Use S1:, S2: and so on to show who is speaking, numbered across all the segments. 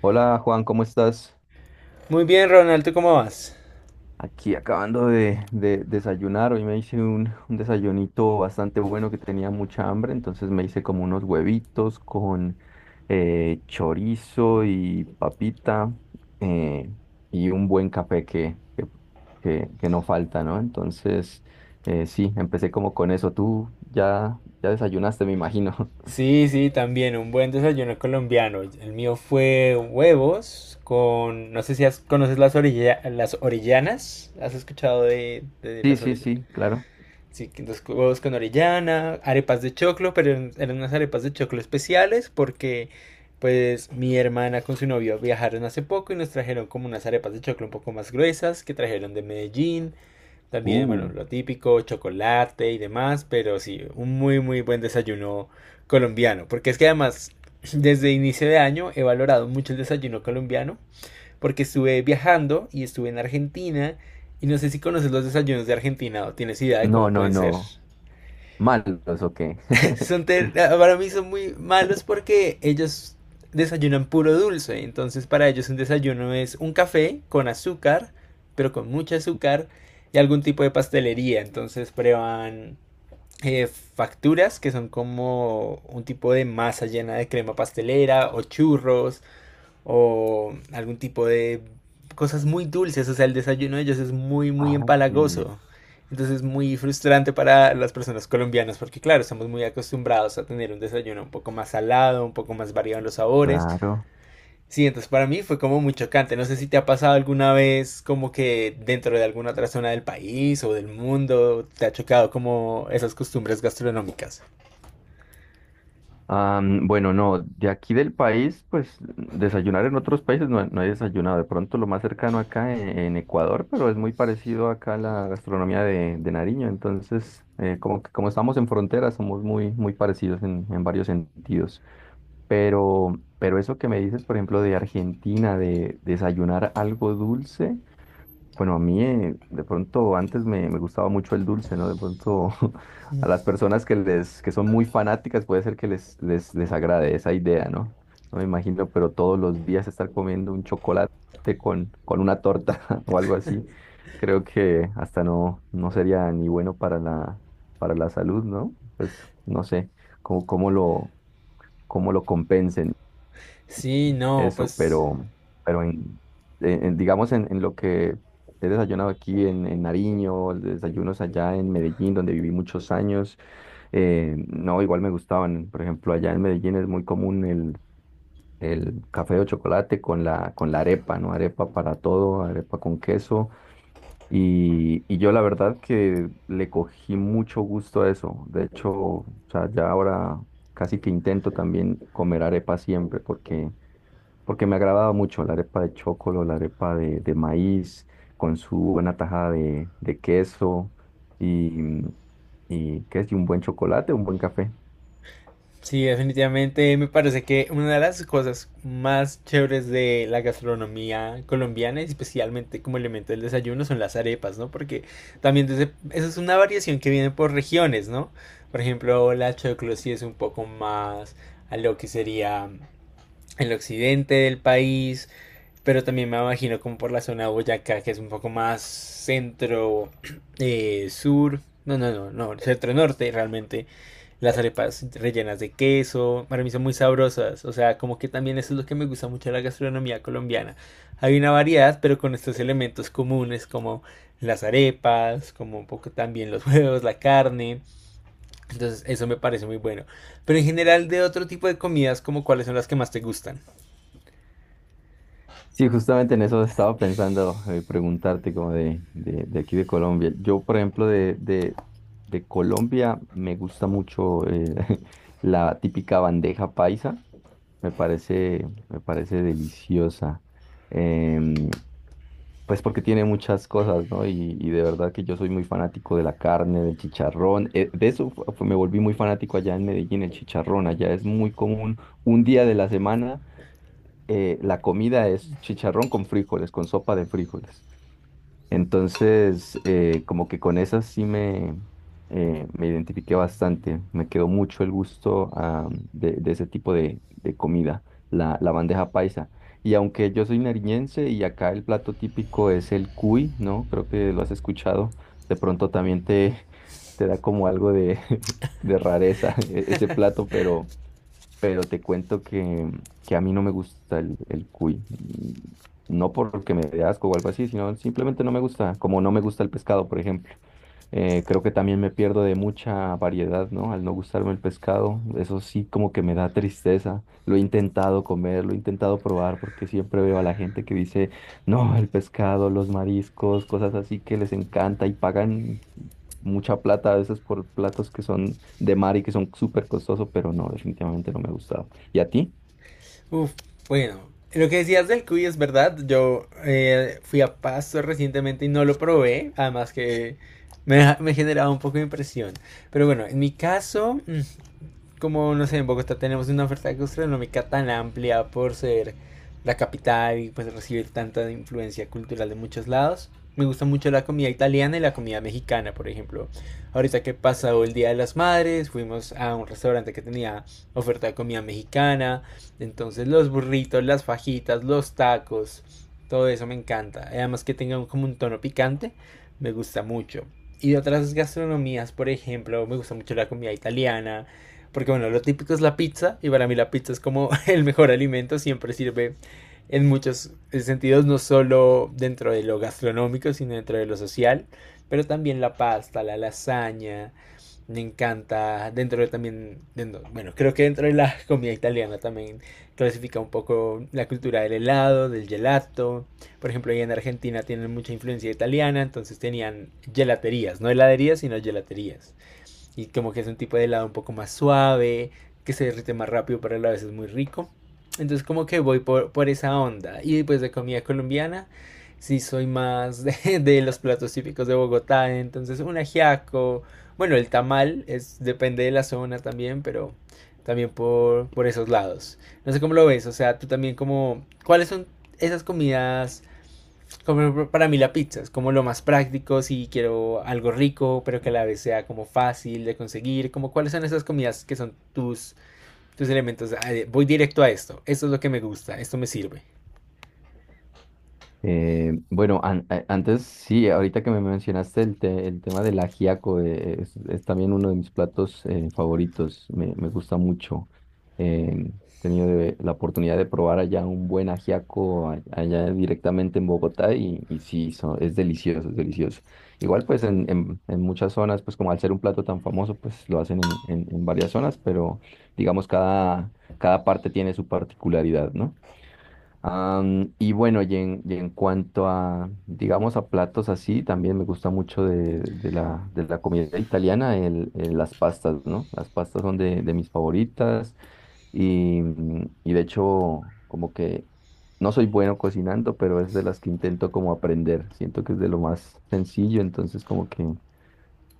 S1: Hola Juan, ¿cómo estás?
S2: Muy bien, Ronald, ¿tú cómo vas?
S1: Aquí acabando de desayunar. Hoy me hice un desayunito bastante bueno, que tenía mucha hambre, entonces me hice como unos huevitos con chorizo y papita, eh, y un buen café que no falta, ¿no? Entonces, sí, empecé como con eso. Tú ya desayunaste, me imagino.
S2: Sí, sí, también un buen desayuno colombiano. El mío fue huevos con, no sé si conoces las las orellanas. ¿Has escuchado de
S1: Sí,
S2: las
S1: sí,
S2: orellanas?
S1: sí, claro.
S2: Sí, que dos huevos con orellana, arepas de choclo, pero eran unas arepas de choclo especiales porque pues mi hermana con su novio viajaron hace poco y nos trajeron como unas arepas de choclo un poco más gruesas que trajeron de Medellín. También, bueno,
S1: Uh,
S2: lo típico, chocolate y demás, pero sí, un muy, muy buen desayuno colombiano. Porque es que además, desde inicio de año he valorado mucho el desayuno colombiano, porque estuve viajando y estuve en Argentina, y no sé si conoces los desayunos de Argentina o tienes idea de
S1: no,
S2: cómo
S1: no,
S2: pueden ser.
S1: no. ¿Malos o qué?
S2: Son para mí son muy malos porque ellos desayunan puro dulce. Entonces para ellos un desayuno es un café con azúcar, pero con mucho azúcar y algún tipo de pastelería. Entonces prueban eh, facturas que son como un tipo de masa llena de crema pastelera o churros o algún tipo de cosas muy dulces, o sea, el desayuno de ellos es muy, muy
S1: Ay.
S2: empalagoso. Entonces es muy frustrante para las personas colombianas porque claro, estamos muy acostumbrados a tener un desayuno un poco más salado, un poco más variado en los sabores.
S1: Claro.
S2: Sí, entonces para mí fue como muy chocante. No sé si te ha pasado alguna vez como que dentro de alguna otra zona del país o del mundo te ha chocado como esas costumbres gastronómicas.
S1: Bueno, no, de aquí del país, pues desayunar en otros países no, he no he desayunado. De pronto lo más cercano acá en Ecuador, pero es muy parecido acá a la gastronomía de Nariño. Entonces, como, como estamos en frontera, somos muy, muy parecidos en varios sentidos. Pero eso que me dices, por ejemplo, de Argentina, de desayunar algo dulce. Bueno, a mí de pronto antes me gustaba mucho el dulce, ¿no? De pronto a las personas que les que son muy fanáticas puede ser que les agrade esa idea, ¿no? No me imagino, pero todos los días estar comiendo un chocolate con una torta o algo así, creo que hasta no, no sería ni bueno para para la salud, ¿no? Pues no sé cómo, cómo lo, cómo lo compensen.
S2: Sí, no,
S1: Eso,
S2: pues
S1: pero digamos en lo que he desayunado aquí en Nariño, desayunos allá en Medellín, donde viví muchos años. No, igual me gustaban. Por ejemplo, allá en Medellín es muy común el café o chocolate con con la arepa, ¿no? Arepa para todo, arepa con queso. Y yo la verdad que le cogí mucho gusto a eso. De hecho, o sea, ya ahora casi que intento también comer arepa siempre porque me agradaba mucho la arepa de chocolo, la arepa de maíz, con su buena tajada de queso y, y, ¿qué es? Y un buen chocolate, un buen café.
S2: sí, definitivamente me parece que una de las cosas más chéveres de la gastronomía colombiana, especialmente como elemento del desayuno, son las arepas, ¿no? Porque también desde, esa es una variación que viene por regiones, ¿no? Por ejemplo, la choclo sí es un poco más a lo que sería el occidente del país, pero también me imagino como por la zona de Boyacá, que es un poco más centro, sur, no, no, no, no, centro norte realmente. Las arepas rellenas de queso, para mí son muy sabrosas. O sea, como que también eso es lo que me gusta mucho de la gastronomía colombiana. Hay una variedad, pero con estos elementos comunes como las arepas, como un poco también los huevos, la carne. Entonces, eso me parece muy bueno. Pero en general, de otro tipo de comidas, como cuáles son las que más te gustan.
S1: Sí, justamente en eso estaba pensando. Preguntarte como de aquí de Colombia. Yo, por ejemplo, de Colombia me gusta mucho la típica bandeja paisa. Me parece, me parece deliciosa. Em, Pues porque tiene muchas cosas, ¿no? Y de verdad que yo soy muy fanático de la carne, del chicharrón. De eso me volví muy fanático allá en Medellín, el chicharrón. Allá es muy común. Un día de la semana, la comida es chicharrón con frijoles, con sopa de frijoles. Entonces, como que con esas sí me identifiqué bastante. Me quedó mucho el gusto, ah, de ese tipo de comida, la bandeja paisa. Y aunque yo soy nariñense y acá el plato típico es el cuy, ¿no? Creo que lo has escuchado. De pronto también te, te da como algo de, de rareza ese plato, pero te cuento que a mí no me gusta el cuy. Mm. No porque me dé asco o algo así, sino simplemente no me gusta, como no me gusta el pescado, por ejemplo. Creo que también me pierdo de mucha variedad, ¿no? Al no gustarme el pescado, eso sí como que me da tristeza. Lo he intentado comer, lo he intentado probar, porque siempre veo a la gente que dice, no, el pescado, los mariscos, cosas así que les encanta, y pagan mucha plata a veces por platos que son de mar y que son súper costosos, pero no, definitivamente no me ha gustado. ¿Y a ti?
S2: Uf, bueno, lo que decías del cuy es verdad. Yo fui a Pasto recientemente y no lo probé. Además que me generaba un poco de impresión. Pero bueno, en mi caso, mm, como no sé, en Bogotá tenemos una oferta gastronómica tan amplia por ser la capital y pues recibir tanta influencia cultural de muchos lados. Me gusta mucho la comida italiana y la comida mexicana, por ejemplo. Ahorita que pasó el Día de las Madres, fuimos a un restaurante que tenía oferta de comida mexicana. Entonces los burritos, las fajitas, los tacos, todo eso me encanta. Además que tenga como un tono picante, me gusta mucho. Y de otras gastronomías, por ejemplo, me gusta mucho la comida italiana, porque bueno, lo típico es la pizza y para mí la pizza es como el mejor alimento, siempre sirve en muchos sentidos, no solo dentro de lo gastronómico, sino dentro de lo social, pero también la pasta, la lasaña, me encanta, dentro de también, dentro, bueno, creo que dentro de la comida italiana también clasifica un poco la cultura del helado, del gelato, por ejemplo, ahí en Argentina tienen mucha influencia italiana, entonces tenían gelaterías, no heladerías, sino gelaterías. Y como que es un tipo de helado un poco más suave, que se derrite más rápido, pero a la vez es muy rico. Entonces como que voy por esa onda. Y después de comida colombiana, sí soy más de los platos típicos de Bogotá. Entonces un ajiaco, bueno, el tamal es, depende de la zona también, pero también por esos lados. No sé cómo lo ves, o sea, tú también como, ¿cuáles son esas comidas como para mí la pizza es como lo más práctico si quiero algo rico, pero que a la vez sea como fácil de conseguir, como cuáles son esas comidas que son tus, tus elementos. Ah, Voy directo a esto, esto es lo que me gusta, esto me sirve.
S1: Antes sí, ahorita que me mencionaste el tema del ajiaco. Es también uno de mis platos favoritos. Me gusta mucho. Eh, He tenido la oportunidad de probar allá un buen ajiaco allá directamente en Bogotá, y sí, es delicioso, es delicioso. Igual pues en muchas zonas, pues como al ser un plato tan famoso, pues lo hacen en varias zonas, pero digamos cada parte tiene su particularidad, ¿no? Y bueno, y y en cuanto a, digamos, a platos así, también me gusta mucho de la comida italiana, las pastas, ¿no? Las pastas son de mis favoritas. Y de hecho, como que no soy bueno cocinando, pero es de las que intento como aprender. Siento que es de lo más sencillo, entonces como que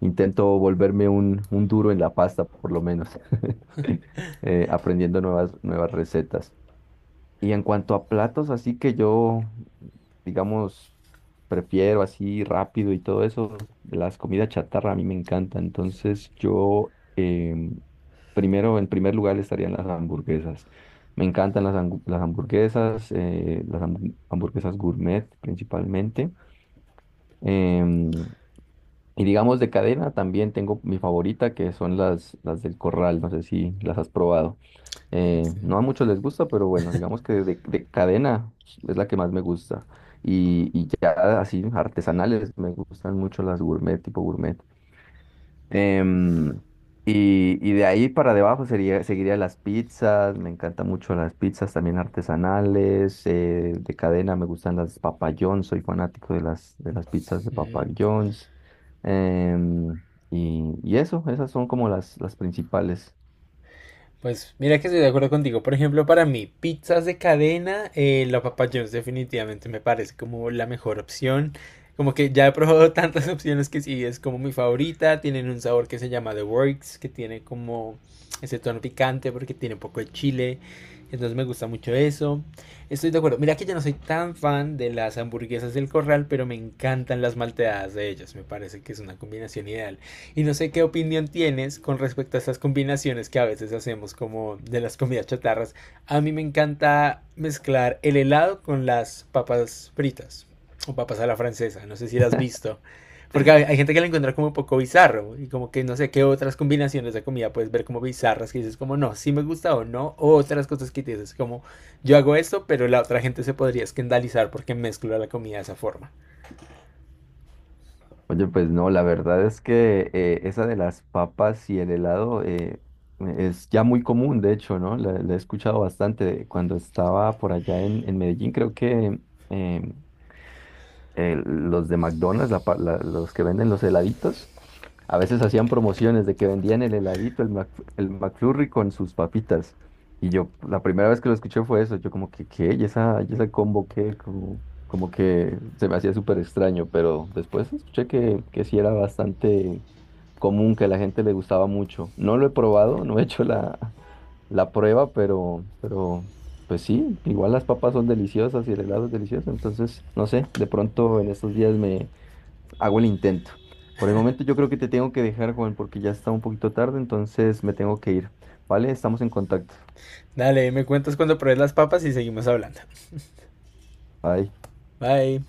S1: intento volverme un duro en la pasta, por lo menos, aprendiendo nuevas, nuevas recetas. Y en cuanto a platos, así que yo, digamos, prefiero así rápido y todo eso, las comidas chatarra a mí me encanta. Entonces yo, primero, en primer lugar estarían las hamburguesas. Me encantan las hamburguesas, hamburguesas gourmet principalmente. Em, y digamos de cadena también tengo mi favorita, que son las del Corral. No sé si las has probado.
S2: Sí.
S1: No a muchos les gusta, pero bueno, digamos que de cadena es la que más me gusta. Y ya así artesanales, me gustan mucho las gourmet, tipo gourmet. Em, y, y de ahí para debajo sería, seguiría las pizzas. Me encantan mucho las pizzas también artesanales. Eh, de cadena me gustan las Papa John's, soy fanático de las pizzas de Papa
S2: Mm.
S1: John's. Em, y, y eso, esas son como las principales.
S2: Pues mira que estoy de acuerdo contigo. Por ejemplo, para mí, pizzas de cadena, la Papa John's definitivamente me parece como la mejor opción. Como que ya he probado tantas opciones que sí, es como mi favorita. Tienen un sabor que se llama The Works, que tiene como ese tono picante porque tiene un poco de chile. Entonces me gusta mucho eso. Estoy de acuerdo. Mira que yo no soy tan fan de las hamburguesas del corral, pero me encantan las malteadas de ellas. Me parece que es una combinación ideal. Y no sé qué opinión tienes con respecto a estas combinaciones que a veces hacemos como de las comidas chatarras. A mí me encanta mezclar el helado con las papas fritas o papas a la francesa, no sé si las has visto. Porque hay gente que la encuentra como un poco bizarro y como que no sé qué otras combinaciones de comida puedes ver como bizarras que dices como no, si sí me gusta o no, o otras cosas que dices como yo hago esto, pero la otra gente se podría escandalizar porque mezclo la comida de esa forma.
S1: Oye, pues no, la verdad es que esa de las papas y el helado es ya muy común, de hecho, ¿no? La he escuchado bastante cuando estaba por allá en Medellín, creo que em, los de McDonald's, los que venden los heladitos, a veces hacían promociones de que vendían el heladito, el McFlurry con sus papitas. Y yo, la primera vez que lo escuché fue eso, yo como que, ¿qué? Y esa combo qué? Como, como que se me hacía súper extraño, pero después escuché que sí era bastante común, que a la gente le gustaba mucho. No lo he probado, no he hecho la prueba, pero pues sí, igual las papas son deliciosas y el helado es delicioso, entonces, no sé, de pronto en estos días me hago el intento. Por el momento yo creo que te tengo que dejar, Juan, porque ya está un poquito tarde, entonces me tengo que ir. ¿Vale? Estamos en contacto.
S2: Dale, me cuentas cuando pruebes las papas y seguimos hablando.
S1: Bye.
S2: Bye.